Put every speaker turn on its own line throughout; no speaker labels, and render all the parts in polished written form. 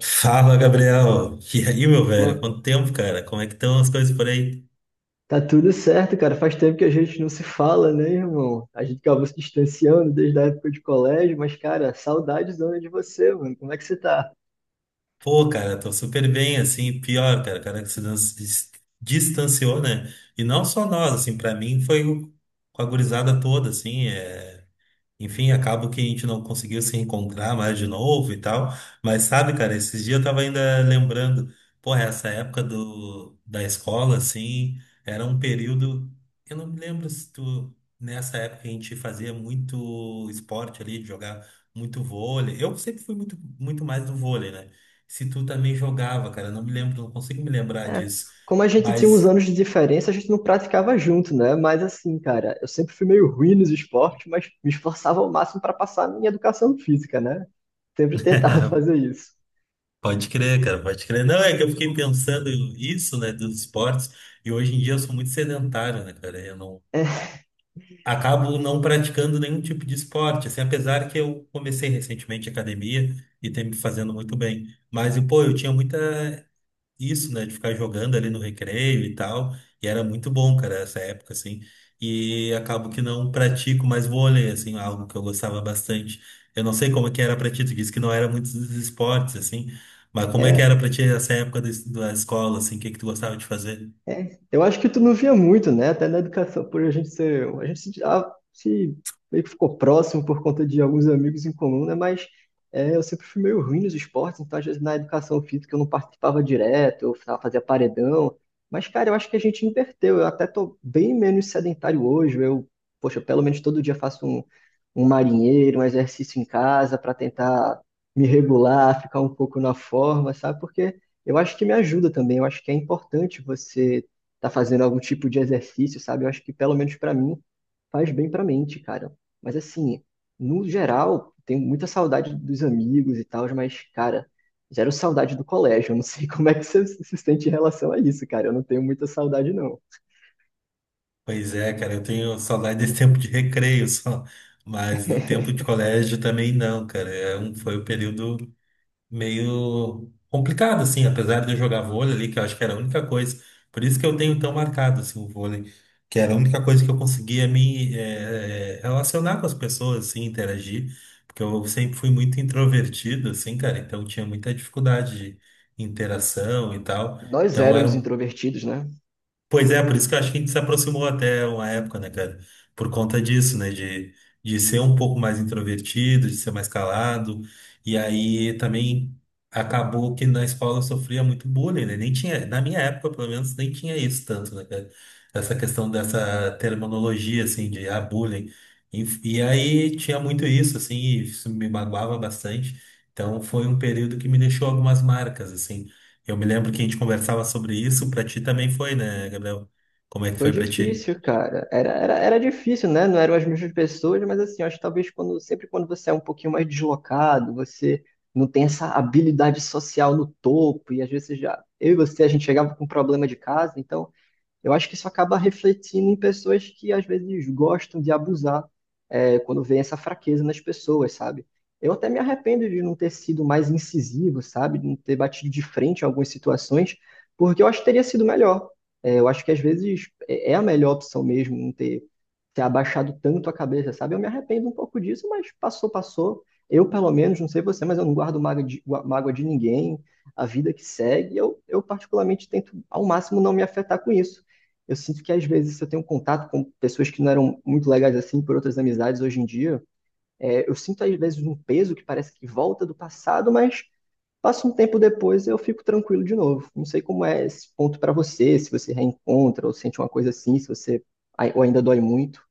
Fala, Gabriel. E aí, meu
Pô,
velho? Quanto tempo, cara? Como é que estão as coisas por aí?
tá tudo certo, cara. Faz tempo que a gente não se fala, né, irmão? A gente acabou se distanciando desde a época de colégio, mas, cara, saudades dona de você, mano. Como é que você tá?
Pô, cara, tô super bem, assim, pior, cara, cara que se distanciou, né? E não só nós, assim, pra mim foi com a gurizada toda, assim, é. Enfim, acabo que a gente não conseguiu se encontrar mais de novo e tal. Mas sabe, cara, esses dias eu tava ainda lembrando, porra, essa época da escola, assim, era um período. Eu não me lembro se tu. Nessa época a gente fazia muito esporte ali, jogar muito vôlei. Eu sempre fui muito, muito mais do vôlei, né? Se tu também jogava, cara, eu não me lembro, não consigo me lembrar
É,
disso.
como a gente tinha uns
Mas.
anos de diferença, a gente não praticava junto, né? Mas assim, cara, eu sempre fui meio ruim nos esportes, mas me esforçava ao máximo pra passar a minha educação física, né? Sempre tentava fazer isso.
Pode crer, cara, pode crer. Não, é que eu fiquei pensando isso, né, dos esportes, e hoje em dia eu sou muito sedentário, né, cara? Eu não acabo não praticando nenhum tipo de esporte, assim, apesar que eu comecei recentemente a academia e tem me fazendo muito bem. Mas, e, pô, eu tinha muita isso, né, de ficar jogando ali no recreio e tal, e era muito bom, cara, essa época, assim, e acabo que não pratico mais vôlei, assim, algo que eu gostava bastante. Eu não sei como é que era pra ti, tu disse que não era muito dos esportes, assim, mas como é que
É,
era pra ti essa época da, da escola, assim, o que que tu gostava de fazer?
É, eu acho que tu não via muito, né? Até na educação, por a gente ser, a gente se, se meio que ficou próximo por conta de alguns amigos em comum, né? Mas é, eu sempre fui meio ruim nos esportes, então às vezes na educação física eu não participava direto, fazia paredão. Mas, cara, eu acho que a gente inverteu. Eu até tô bem menos sedentário hoje. Eu, poxa, pelo menos todo dia um marinheiro, um exercício em casa para tentar me regular, ficar um pouco na forma, sabe? Porque eu acho que me ajuda também. Eu acho que é importante você estar fazendo algum tipo de exercício, sabe? Eu acho que, pelo menos para mim, faz bem para a mente, cara. Mas, assim, no geral, tenho muita saudade dos amigos e tal, mas, cara, zero saudade do colégio. Eu não sei como é que você se sente em relação a isso, cara. Eu não tenho muita saudade, não.
Pois é, cara, eu tenho saudade desse tempo de recreio só, mas do tempo de colégio também não, cara, é um, foi o período meio complicado, assim, apesar de eu jogar vôlei ali, que eu acho que era a única coisa. Por isso que eu tenho tão marcado, assim, o vôlei, que era a única coisa que eu conseguia me relacionar com as pessoas, assim, interagir, porque eu sempre fui muito introvertido, assim, cara, então tinha muita dificuldade de interação e tal.
Nós
Então era
éramos
um
introvertidos, né?
Pois é, por isso que eu acho que a gente se aproximou até uma época, né, cara? Por conta disso, né? De ser um pouco mais introvertido, de ser mais calado. E aí também acabou que na escola eu sofria muito bullying, né? Nem tinha, na minha época, pelo menos, nem tinha isso tanto, né, cara? Essa questão dessa terminologia, assim, de ah, bullying. E, e aí tinha muito isso, assim, e isso me magoava bastante. Então foi um período que me deixou algumas marcas, assim. Eu me lembro que a gente conversava sobre isso, pra ti também foi, né, Gabriel? Como é que
Foi
foi pra ti?
difícil, cara. Era difícil, né? Não eram as mesmas pessoas, mas assim, eu acho que talvez quando, sempre quando você é um pouquinho mais deslocado, você não tem essa habilidade social no topo, e às vezes já. Eu e você, a gente chegava com um problema de casa, então. Eu acho que isso acaba refletindo em pessoas que às vezes gostam de abusar, é, quando vem essa fraqueza nas pessoas, sabe? Eu até me arrependo de não ter sido mais incisivo, sabe? De não ter batido de frente em algumas situações, porque eu acho que teria sido melhor. É, eu acho que às vezes é a melhor opção mesmo não ter, ter abaixado tanto a cabeça, sabe? Eu me arrependo um pouco disso, mas passou, passou. Eu, pelo menos, não sei você, mas eu não guardo mágoa de ninguém. A vida que segue, eu particularmente tento ao máximo não me afetar com isso. Eu sinto que às vezes eu tenho um contato com pessoas que não eram muito legais assim por outras amizades hoje em dia. É, eu sinto às vezes um peso que parece que volta do passado, mas passa um tempo depois eu fico tranquilo de novo. Não sei como é esse ponto para você, se você reencontra ou sente uma coisa assim, se você ou ainda dói muito.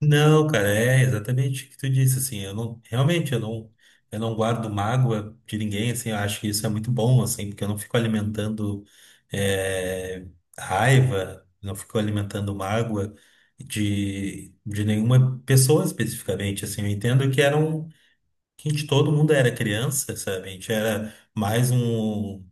Não, cara, é exatamente o que tu disse, assim, eu não, realmente, eu não guardo mágoa de ninguém, assim, eu acho que isso é muito bom, assim, porque eu não fico alimentando é, raiva, não fico alimentando mágoa de nenhuma pessoa especificamente, assim, eu entendo que era um, que a gente, todo mundo era criança, sabe? A gente era mais um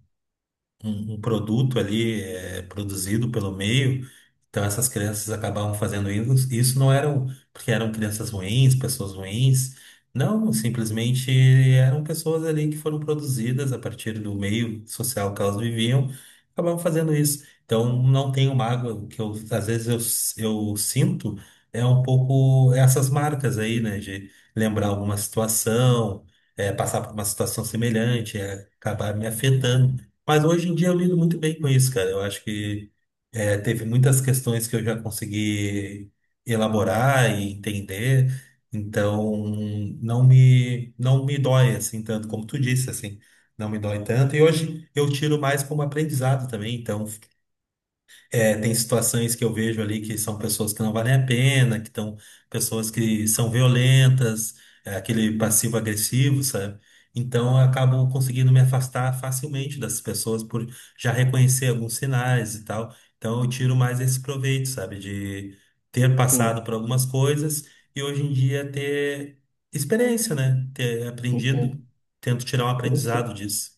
um produto ali é, produzido pelo meio. Então essas crianças acabavam fazendo isso. Isso não eram porque eram crianças ruins, pessoas ruins. Não, simplesmente eram pessoas ali que foram produzidas a partir do meio social que elas viviam, acabavam fazendo isso. Então não tenho mágoa, o que eu, às vezes eu sinto é um pouco essas marcas aí, né, de lembrar alguma situação, é, passar por uma situação semelhante, é, acabar me afetando. Mas hoje em dia eu lido muito bem com isso, cara. Eu acho que é, teve muitas questões que eu já consegui elaborar e entender, então não me dói assim tanto como tu disse assim, não me dói tanto. E hoje eu tiro mais como aprendizado também. Então é, tem situações que eu vejo ali que são pessoas que não valem a pena, que estão pessoas que são violentas, é, aquele passivo-agressivo, sabe? Então eu acabo conseguindo me afastar facilmente dessas pessoas por já reconhecer alguns sinais e tal. Então eu tiro mais esse proveito, sabe? De ter passado
Hum,
por algumas coisas e hoje em dia ter experiência, né? Ter aprendido.
entendo.
Tento tirar um
Eu não
aprendizado
sei
disso.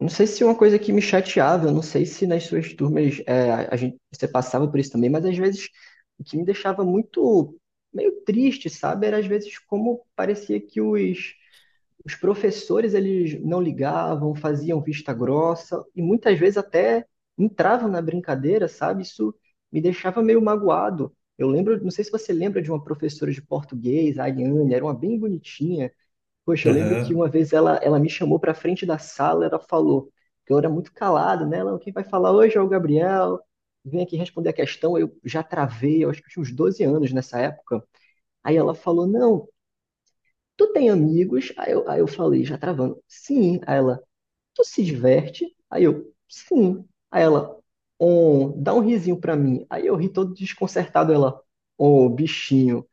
Não sei se é uma coisa que me chateava, eu não sei se nas suas turmas é, a gente, você passava por isso também, mas às vezes o que me deixava muito meio triste, sabe? Era às vezes como parecia que os professores eles não ligavam, faziam vista grossa e muitas vezes até entravam na brincadeira, sabe? Isso me deixava meio magoado. Eu lembro, não sei se você lembra de uma professora de português, a Ariane, era uma bem bonitinha. Poxa, eu lembro que
Aham.
uma vez ela me chamou para frente da sala, ela falou, que eu era muito calado, né? Ela, quem vai falar hoje é o Gabriel, vem aqui responder a questão. Eu já travei, eu acho que eu tinha uns 12 anos nessa época. Aí ela falou, não, tu tem amigos? Aí eu falei, já travando, sim. Aí ela, tu se diverte? Aí eu, sim. Aí ela, oh, dá um risinho pra mim. Aí eu ri todo desconcertado, ela, ô, bichinho.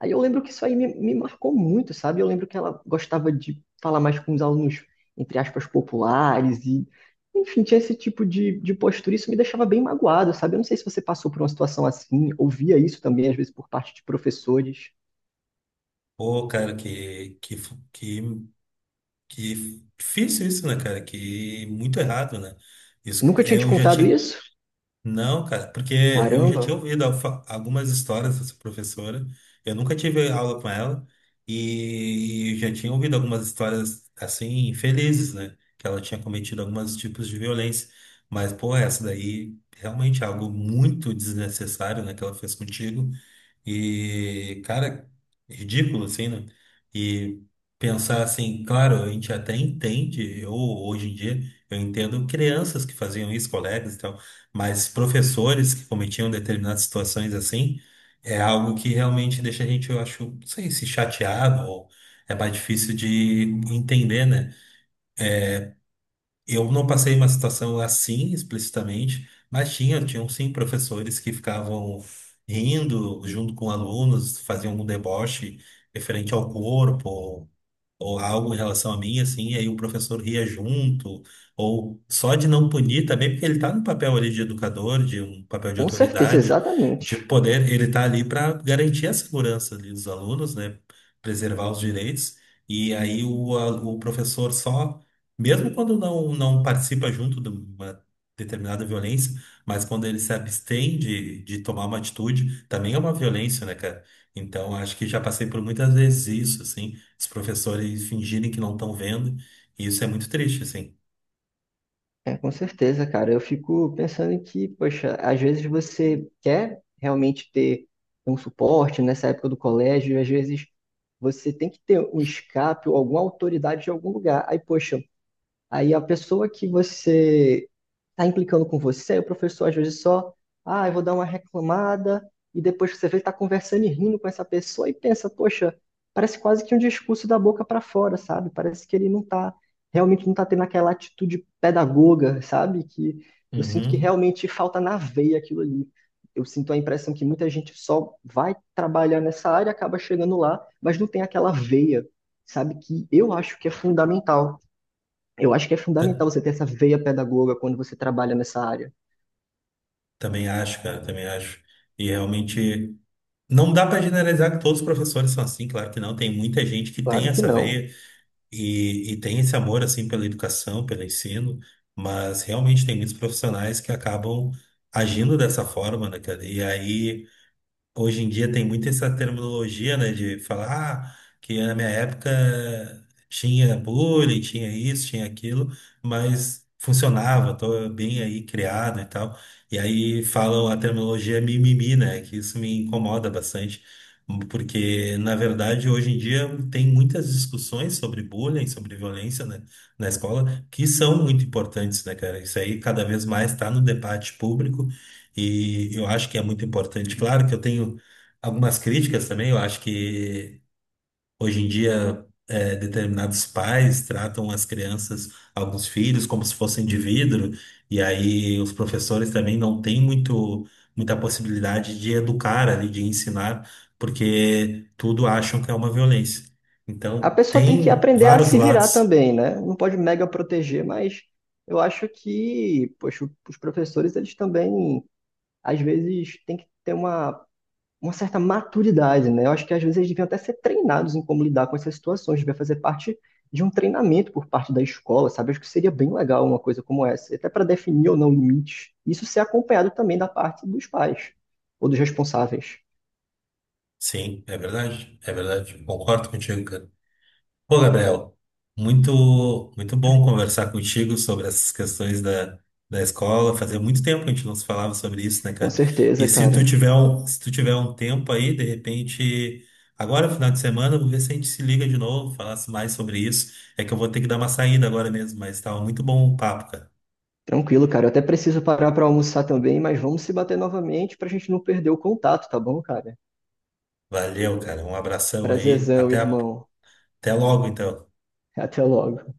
Aí eu lembro que me marcou muito, sabe? Eu lembro que ela gostava de falar mais com os alunos, entre aspas, populares e, enfim, tinha esse tipo de postura. Isso me deixava bem magoado, sabe? Eu não sei se você passou por uma situação assim, ouvia isso também, às vezes, por parte de professores.
Pô, cara, que que difícil isso, né, cara? Que muito errado, né? Isso
Nunca tinha te
eu já
contado
tinha.
isso?
Não, cara, porque eu já tinha
Caramba,
ouvido algumas histórias dessa professora. Eu nunca tive aula com ela e eu já tinha ouvido algumas histórias assim infelizes, né? Que ela tinha cometido alguns tipos de violência. Mas, pô, essa daí realmente é algo muito desnecessário, né? Que ela fez contigo. E, cara, ridículo, assim, né? E pensar assim, claro, a gente até entende, eu hoje em dia, eu entendo crianças que faziam isso, colegas e tal, mas professores que cometiam determinadas situações assim, é algo que realmente deixa a gente, eu acho, não sei se chateado ou é mais difícil de entender, né? Eu não passei uma situação assim explicitamente, mas tinham sim professores que ficavam rindo junto com alunos, faziam um deboche referente ao corpo, ou algo em relação a mim, assim, e aí o professor ria junto, ou só de não punir também, porque ele está no papel ali de educador, de um papel de
com certeza,
autoridade,
exatamente.
de poder, ele está ali para garantir a segurança ali dos alunos, né, preservar os direitos, e aí o professor só, mesmo quando não participa junto de uma determinada violência, mas quando ele se abstém de tomar uma atitude, também é uma violência, né, cara? Então, acho que já passei por muitas vezes isso, assim, os professores fingirem que não estão vendo, e isso é muito triste, assim.
É, com certeza, cara. Eu fico pensando em que, poxa, às vezes você quer realmente ter um suporte nessa época do colégio, e às vezes você tem que ter um escape ou alguma autoridade de algum lugar. Aí a pessoa que você está implicando com você, o professor às vezes só, ah, eu vou dar uma reclamada, e depois que você vê, está conversando e rindo com essa pessoa e pensa, poxa, parece quase que um discurso da boca para fora, sabe? Parece que ele não está, realmente não está tendo aquela atitude pedagoga, sabe? Que eu sinto que
Uhum.
realmente falta na veia aquilo ali. Eu sinto a impressão que muita gente só vai trabalhar nessa área, acaba chegando lá, mas não tem aquela veia, sabe? Que eu acho que é fundamental. Eu acho que é
Ta-
fundamental você ter essa veia pedagoga quando você trabalha nessa área.
Também acho, cara, também acho. E realmente não dá para generalizar que todos os professores são assim, claro que não. Tem muita gente que tem
Claro que
essa
não.
veia e tem esse amor, assim, pela educação, pelo ensino, mas realmente tem muitos profissionais que acabam agindo dessa forma, né, cara? E aí. Hoje em dia tem muito essa terminologia, né, de falar ah, que na minha época tinha bullying, tinha isso, tinha aquilo, mas funcionava, tô bem aí criado e tal. E aí falam a terminologia mimimi, né, que isso me incomoda bastante, porque na verdade hoje em dia tem muitas discussões sobre bullying, sobre violência, né, na escola, que são muito importantes, né, cara? Isso aí cada vez mais está no debate público e eu acho que é muito importante. Claro que eu tenho algumas críticas também. Eu acho que hoje em dia é, determinados pais tratam as crianças, alguns filhos, como se fossem de vidro. E aí os professores também não têm muito, muita possibilidade de educar ali, de ensinar, porque tudo acham que é uma violência.
A
Então
pessoa tem que
tem
aprender a
vários
se virar
lados.
também, né? Não pode mega proteger, mas eu acho que, poxa, os professores, eles também, às vezes, têm que ter uma certa maturidade, né? Eu acho que, às vezes, eles deviam até ser treinados em como lidar com essas situações, devia fazer parte de um treinamento por parte da escola, sabe? Acho que seria bem legal uma coisa como essa, até para definir ou não limites. Isso ser acompanhado também da parte dos pais ou dos responsáveis.
Sim, é verdade. É verdade. Concordo contigo, cara. Pô, Gabriel, muito, muito bom conversar contigo sobre essas questões da, da escola. Fazia muito tempo que a gente não se falava sobre isso, né,
Com
cara? E
certeza,
se tu
cara.
tiver um, se tu tiver um tempo aí, de repente, agora, final de semana, eu vou ver se a gente se liga de novo, falasse mais sobre isso. É que eu vou ter que dar uma saída agora mesmo, mas estava muito bom o papo, cara.
Tranquilo, cara. Eu até preciso parar pra almoçar também, mas vamos se bater novamente pra gente não perder o contato, tá bom, cara?
Valeu, cara. Um abração aí.
Prazerzão, irmão.
Até logo, então.
Até logo.